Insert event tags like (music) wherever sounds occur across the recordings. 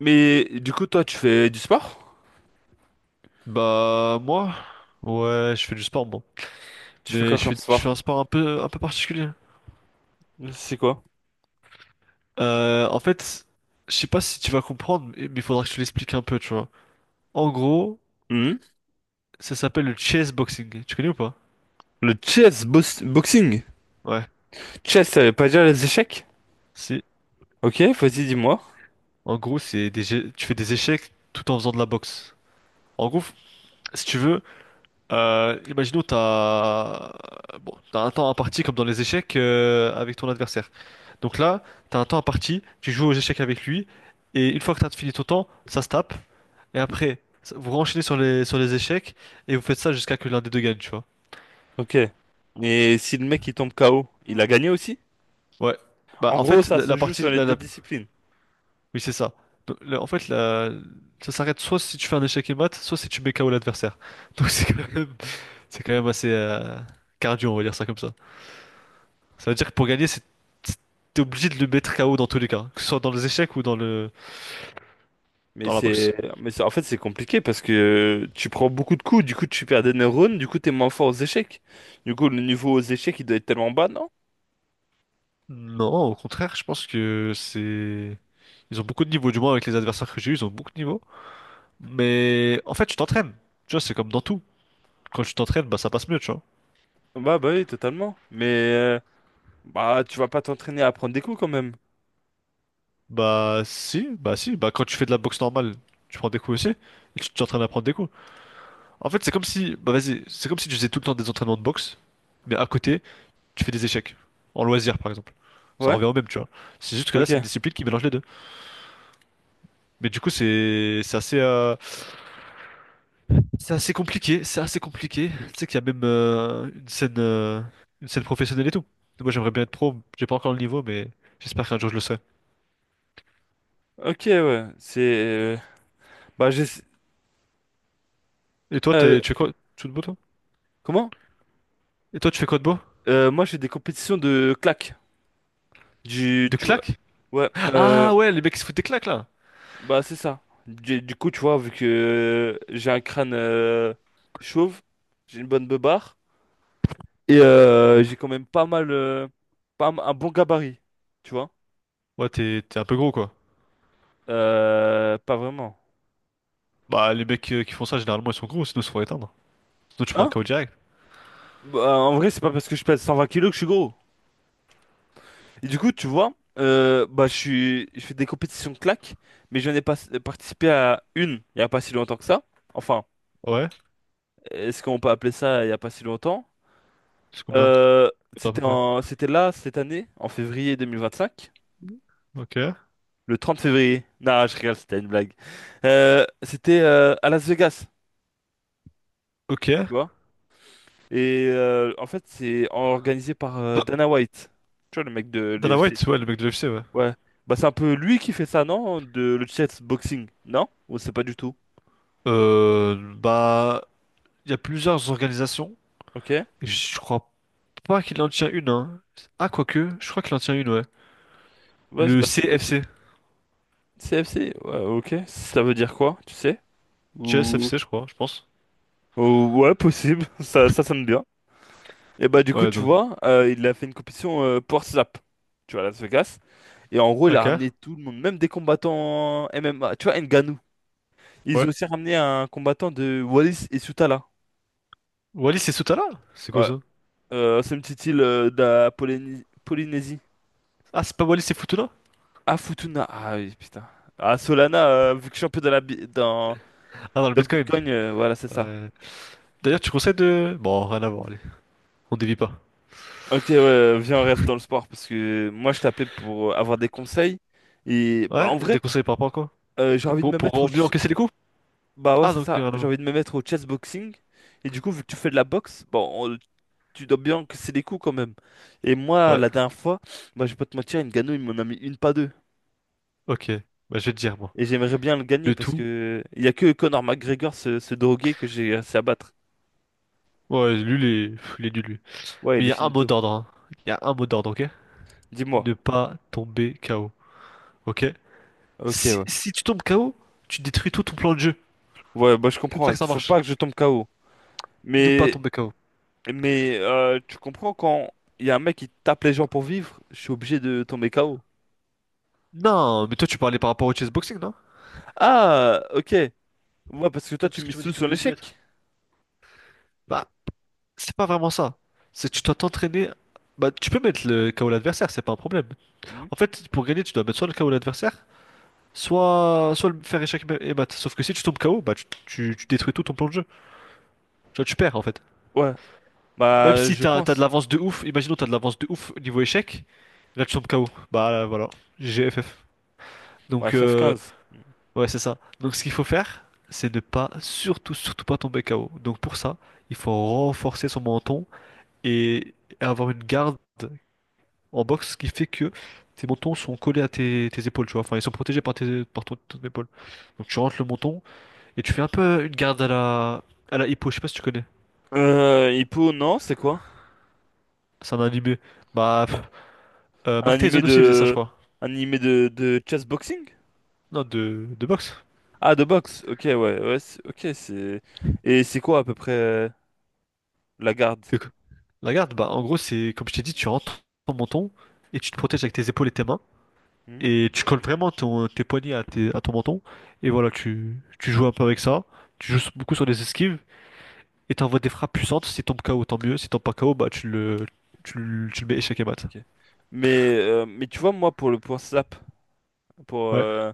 Mais du coup, toi, tu fais du sport? Bah moi, ouais, je fais du sport moi. Tu fais Mais quoi je comme fais, je fais sport? un sport un peu particulier. C'est quoi? En fait, je sais pas si tu vas comprendre, mais il faudra que je te l'explique un peu, tu vois. En gros, Mhm. ça s'appelle le chess boxing. Tu connais ou pas? Le chess boxing. Ouais. Chess, ça veut pas dire les échecs? C'est, Ok, vas-y, dis-moi. En gros, c'est tu fais des échecs tout en faisant de la boxe. En gros, si tu veux. Imaginons, t'as un temps imparti comme dans les échecs, avec ton adversaire. Donc là, t'as un temps imparti, tu joues aux échecs avec lui, et une fois que t'as fini ton temps, ça se tape, et après, vous renchaînez sur les échecs, et vous faites ça jusqu'à que l'un des deux gagne, tu vois. Ok. Mais si le mec il tombe KO, il a gagné aussi? Ouais. Bah En en gros, fait, ça la, se la joue sur partie, les deux disciplines. oui c'est ça. Donc, en fait, ça s'arrête soit si tu fais un échec et mat, soit si tu mets KO l'adversaire. Donc c'est quand même assez, cardio, on va dire ça comme ça. Ça veut dire que pour gagner, c'est t'es obligé de le mettre KO dans tous les cas, que ce soit dans les échecs ou dans le Mais dans la c'est, boxe. mais c'est- en fait, c'est compliqué parce que tu prends beaucoup de coups, du coup, tu perds des neurones, du coup, t'es moins fort aux échecs. Du coup, le niveau aux échecs, il doit être tellement bas, non? Non, au contraire, je pense que c'est ils ont beaucoup de niveaux, du moins avec les adversaires que j'ai eu, ils ont beaucoup de niveaux. Mais en fait, tu t'entraînes. Tu vois, c'est comme dans tout. Quand tu t'entraînes, bah ça passe mieux, tu vois. Bah, oui, totalement. Mais, euh, bah, tu vas pas t'entraîner à prendre des coups quand même. Bah si, bah si, bah quand tu fais de la boxe normale, tu prends des coups aussi, et tu t'entraînes à prendre des coups. En fait, c'est comme si, bah vas-y, c'est comme si tu faisais tout le temps des entraînements de boxe, mais à côté, tu fais des échecs, en loisir par exemple. Ça Ouais? revient au même, tu vois. C'est juste que là, c'est une Ok. discipline qui mélange les deux. Mais du coup, c'est assez, c'est assez compliqué, c'est assez compliqué. Tu sais qu'il y a même, une scène professionnelle et tout. Moi, j'aimerais bien être pro. J'ai pas encore le niveau, mais j'espère qu'un jour je le serai. Ok, ouais. C'est. Bah, j'ai. Et toi, euh, tu fais quoi? Tu fais de beau, toi? comment? Et toi, tu fais quoi de beau? Moi, j'ai des compétitions de claques. Du. De Tu vois. claques? Ouais. Ah ouais, les mecs qui se foutent des claques là. Bah, c'est ça. Du coup, tu vois, vu que j'ai un crâne chauve, j'ai une bonne beubare. Et j'ai quand même pas mal. Pas un bon gabarit. Tu vois? Ouais, t'es un peu gros quoi. Pas vraiment. Bah, les mecs, qui font ça, généralement, ils sont gros, sinon ils se font éteindre. Sinon, tu prends un Hein? KO direct. Bah, en vrai, c'est pas parce que je pèse 120 kilos que je suis gros. Et du coup, tu vois, bah, je fais des compétitions de claques, mais je n'ai pas participé à une il n'y a pas si longtemps que ça. Enfin, Ouais, est-ce qu'on peut appeler ça il n'y a pas si longtemps? c'est combien? Euh, C'est à peu c'était près. en, c'était là, cette année, en février 2025, Ok, le 30 février. Non, je rigole, c'était une blague. C'était à Las Vegas, tu ok. vois. Et en fait, c'est organisé par Dana White, tu vois, le mec de Dana l'UFC. White, ouais, le mec de l'UFC, ouais. Ouais. Bah, c'est un peu lui qui fait ça, non? De le chess boxing, non? Ou c'est pas du tout? Bah, il y a plusieurs organisations. Ok. Je crois pas qu'il en tient une, hein. Ah, quoique, je crois qu'il en tient une, ouais. Ouais, Le c'est possible. CFC. CFC, ouais, ok. Ça veut dire quoi, tu sais? Ou... CFC, je crois, je pense. Ouais, possible. (laughs) Ça sonne bien. Et bah, du coup, Ouais, tu donc. vois, il a fait une compétition Power Slap, tu vois, à Las Vegas. Et en gros, il a Ok. ramené tout le monde, même des combattants MMA. Tu vois, Ngannou. Ils Ouais. ont aussi ramené un combattant de Wallis et Sutala. Wallis et Soutala? C'est quoi Ouais, ça? C'est une petite île de la Polynésie. Ah, c'est pas Wallis et Futuna? Ah, Futuna. Ah oui, putain. Ah, Solana, vu que je suis un peu dans la, bi- dans, Ah, dans le dans le Bitcoin. Bitcoin, voilà, c'est ça. Ouais. D'ailleurs, tu conseilles de. Bon, rien à voir, allez. On dévie pas. Ok, ouais, viens, on reste dans le sport parce que moi je t'appelais pour avoir des conseils et bah Ouais, en vrai des conseils par rapport à quoi? J'ai envie de Pour, me mettre au pour mieux ch- encaisser les coups? bah ouais, Ah, c'est donc, ça, rien à j'ai voir. envie de me mettre au chess boxing et du coup vu que tu fais de la boxe bon tu dois bien que c'est des coups quand même et moi Ouais, la dernière fois bah je vais pas te mentir, Ngannou il m'en a mis une pas deux ok. Bah, je vais te dire, moi. et j'aimerais bien le gagner Le parce tout. que il y a que Conor McGregor, ce drogué que j'ai réussi à battre. Ouais, lui, pff, il est nul, lui. Ouais, Mais il il est y a un mot finito. d'ordre, hein. Il y a un mot d'ordre, ok? Dis-moi. Ne pas tomber KO, ok? Ok, Si, ouais, si tu tombes KO, tu détruis tout ton plan de jeu. ouais, bah je C'est comme ça comprends, que ça faut marche. pas que je tombe KO, Ne pas mais... tomber KO. Mais tu comprends quand il y a un mec qui tape les gens pour vivre, je suis obligé de tomber KO. Non, mais toi tu parlais par rapport au chessboxing, non? Ah, ok. Ouais, parce que toi, tu Parce que tu mises m'as dit tout que tu sur voulais me mettre. l'échec. Bah, c'est pas vraiment ça. C'est que tu dois t'entraîner. Bah, tu peux mettre le KO l'adversaire, c'est pas un problème. Mhm. En fait, pour gagner, tu dois mettre soit le KO l'adversaire, soit le faire échec et mat. Sauf que si tu tombes KO, bah, tu détruis tout ton plan de jeu. Tu vois, tu perds en fait. Ouais, Ah, même bah si je t'as de pense. l'avance de ouf, imaginons t'as de l'avance de ouf au niveau échec, là tu tombes KO. Bah voilà, GGFF. Ouais, Donc, f 15. ouais c'est ça. Donc ce qu'il faut faire, c'est ne pas surtout surtout pas tomber KO. Donc pour ça, il faut renforcer son menton et avoir une garde en boxe qui fait que tes mentons sont collés à tes épaules, tu vois. Enfin ils sont protégés par tes par ton épaule. Donc tu rentres le menton et tu fais un peu une garde à la hippo, je sais pas si tu connais. Hippo, non, c'est quoi? C'est un animé. Bah, Un Mark animé Tyson aussi faisait ça, je de... crois. Un animé de chess boxing? Non, de, boxe. Ah, de boxe. Ok, ouais, ouais, ok, c'est... Et c'est quoi à peu près la garde? C'est La garde, bah, en gros, c'est comme je t'ai dit, tu rentres ton menton et tu te protèges avec tes épaules et tes mains. Hmm, Et tu colles vraiment tes poignets à ton menton. Et voilà, tu joues un peu avec ça. Tu joues beaucoup sur les esquives et t'envoies des frappes puissantes. Si tombe KO, tant mieux. Si tombe pas KO, bah, tu le mets échec et mat. ok. Mais, tu vois, moi, pour le point slap, pour, Ouais. euh,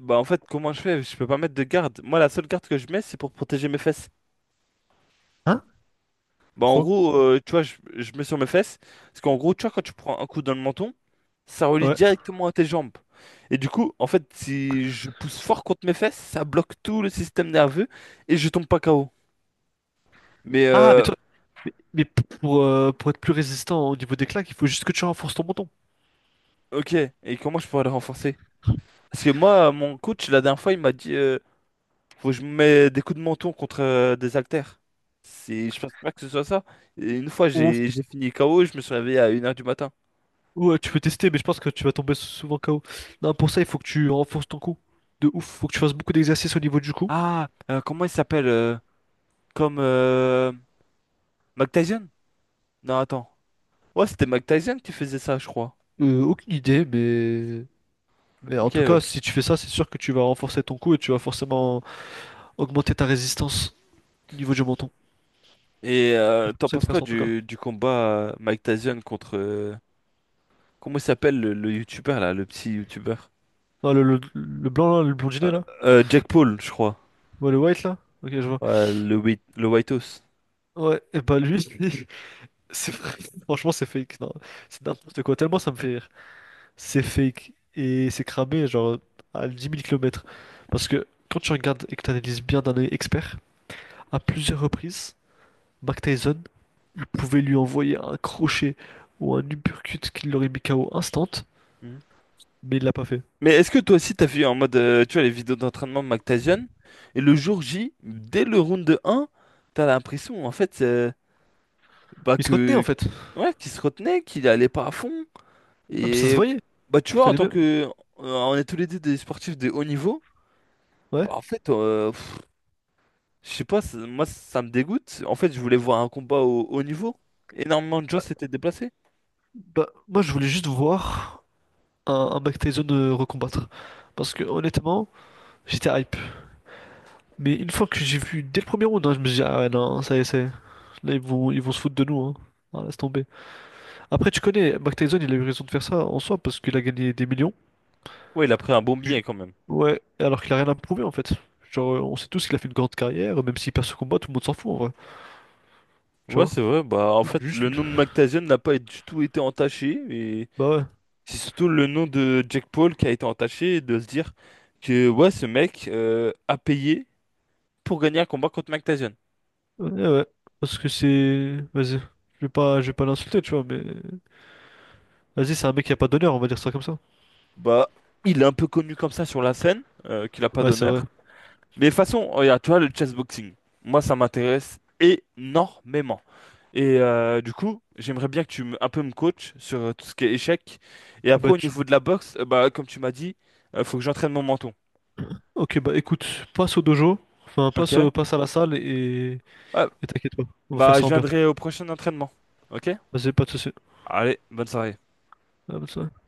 Bah en fait, comment je fais? Je peux pas mettre de garde. Moi, la seule garde que je mets, c'est pour protéger mes fesses. Hein? Bah en Pro. gros, tu vois, je mets sur mes fesses. Parce qu'en gros, tu vois, quand tu prends un coup dans le menton, ça relie Ouais. directement à tes jambes. Et du coup, en fait, si je pousse fort contre mes fesses, ça bloque tout le système nerveux et je tombe pas KO. Mais Ah, mais toi, mais pour être plus résistant au niveau des claques, il faut juste que tu renforces ton menton. ok, et comment je pourrais le renforcer? Parce que moi, mon coach, la dernière fois, il m'a dit... Faut que je me mette des coups de menton contre des haltères. Je pense pas que ce soit ça. Et une fois, Au j'ai fini KO, je me suis réveillé à une heure du matin. Ouais, tu peux tester, mais je pense que tu vas tomber souvent KO. Non, pour ça, il faut que tu renforces ton cou. De ouf, faut que tu fasses beaucoup d'exercices au niveau du cou. Ah, comment il s'appelle comme Mike Tyson? Non, attends. Ouais, c'était Mike Tyson qui faisait ça, je crois. Aucune idée, mais... en Ok, tout cas, ouais. si tu fais ça, c'est sûr que tu vas renforcer ton cou et tu vas forcément augmenter ta résistance au niveau du menton. Et Je te t'en conseille de penses faire quoi ça en tout cas. du combat Mike Tyson contre... comment il s'appelle le youtubeur, là, le petit youtubeur? Non, le blanc là, le Euh, blondinet là? Jack Paul, je crois. Ouais, le white là? Ok, je vois. Ouais, le White House. Ouais, et bah lui, (laughs) c'est franchement, c'est fake. Non, c'est n'importe quoi. Tellement ça me fait rire. C'est fake et c'est cramé genre à 10 000 kilomètres. Parce que quand tu regardes et que tu analyses bien d'un œil expert, à plusieurs reprises, Mike Tyson, il pouvait lui envoyer un crochet ou un uppercut qui l'aurait mis KO instant, mais il l'a pas fait. Mais est-ce que toi aussi t'as vu en mode, tu vois, les vidéos d'entraînement de Mactasian, et le jour J, dès le round 1, t'as l'impression en fait, bah Il se retenait en que fait. ouais, qu'il se retenait, qu'il allait pas à fond. Ah, mais ça se Et voyait. bah tu Il vois, en fallait tant même. que on est tous les deux des sportifs de haut niveau, Ouais. bah en fait, je sais pas, moi ça me dégoûte. En fait, je voulais voir un combat au haut niveau. Énormément de gens Ouais. s'étaient déplacés. Bah, moi je voulais juste voir un Mike Tyson, recombattre. Parce que honnêtement, j'étais hype. Mais une fois que j'ai vu dès le premier round, hein, je me suis dit, ah ouais, non, ça y est. Là, ils vont se foutre de nous, hein. Ah, laisse tomber. Après, tu connais, Mike Tyson, il a eu raison de faire ça en soi parce qu'il a gagné des millions. Ouais, il a pris un bon Ju- billet quand même. Ouais, alors qu'il a rien à prouver en fait. Genre, on sait tous qu'il a fait une grande carrière, même s'il perd ce combat, tout le monde s'en fout en vrai. Tu Ouais, vois? c'est vrai, bah en fait, le Juste. nom de Mactasian n'a pas du tout été entaché. Bah ouais. C'est surtout le nom de Jack Paul qui a été entaché et de se dire que ouais, ce mec a payé pour gagner un combat contre Mike Tyson. Ouais, ouais. Parce que c'est. Vas-y. Je vais pas l'insulter, tu vois, mais. Vas-y, c'est un mec qui a pas d'honneur, on va dire ça comme ça. Bah, il est un peu connu comme ça sur la scène, qu'il a pas Ouais, c'est vrai. d'honneur. Mais de toute façon, regarde, tu vois, le chessboxing, moi ça m'intéresse énormément. Et du coup, j'aimerais bien que tu me, un peu me coaches sur tout ce qui est échec. Et après, Bah, au tu- niveau de la boxe, bah, comme tu m'as dit, faut que j'entraîne mon menton. Ok, bah écoute, passe au dojo. Enfin, Ok? Passe à la salle et. Ouais, Et t'inquiète pas. On va faire bah, je ça en bien. viendrai au prochain entraînement. Ok? Vas-y, pas de soucis. Allez, bonne soirée. Ah, bah, ça-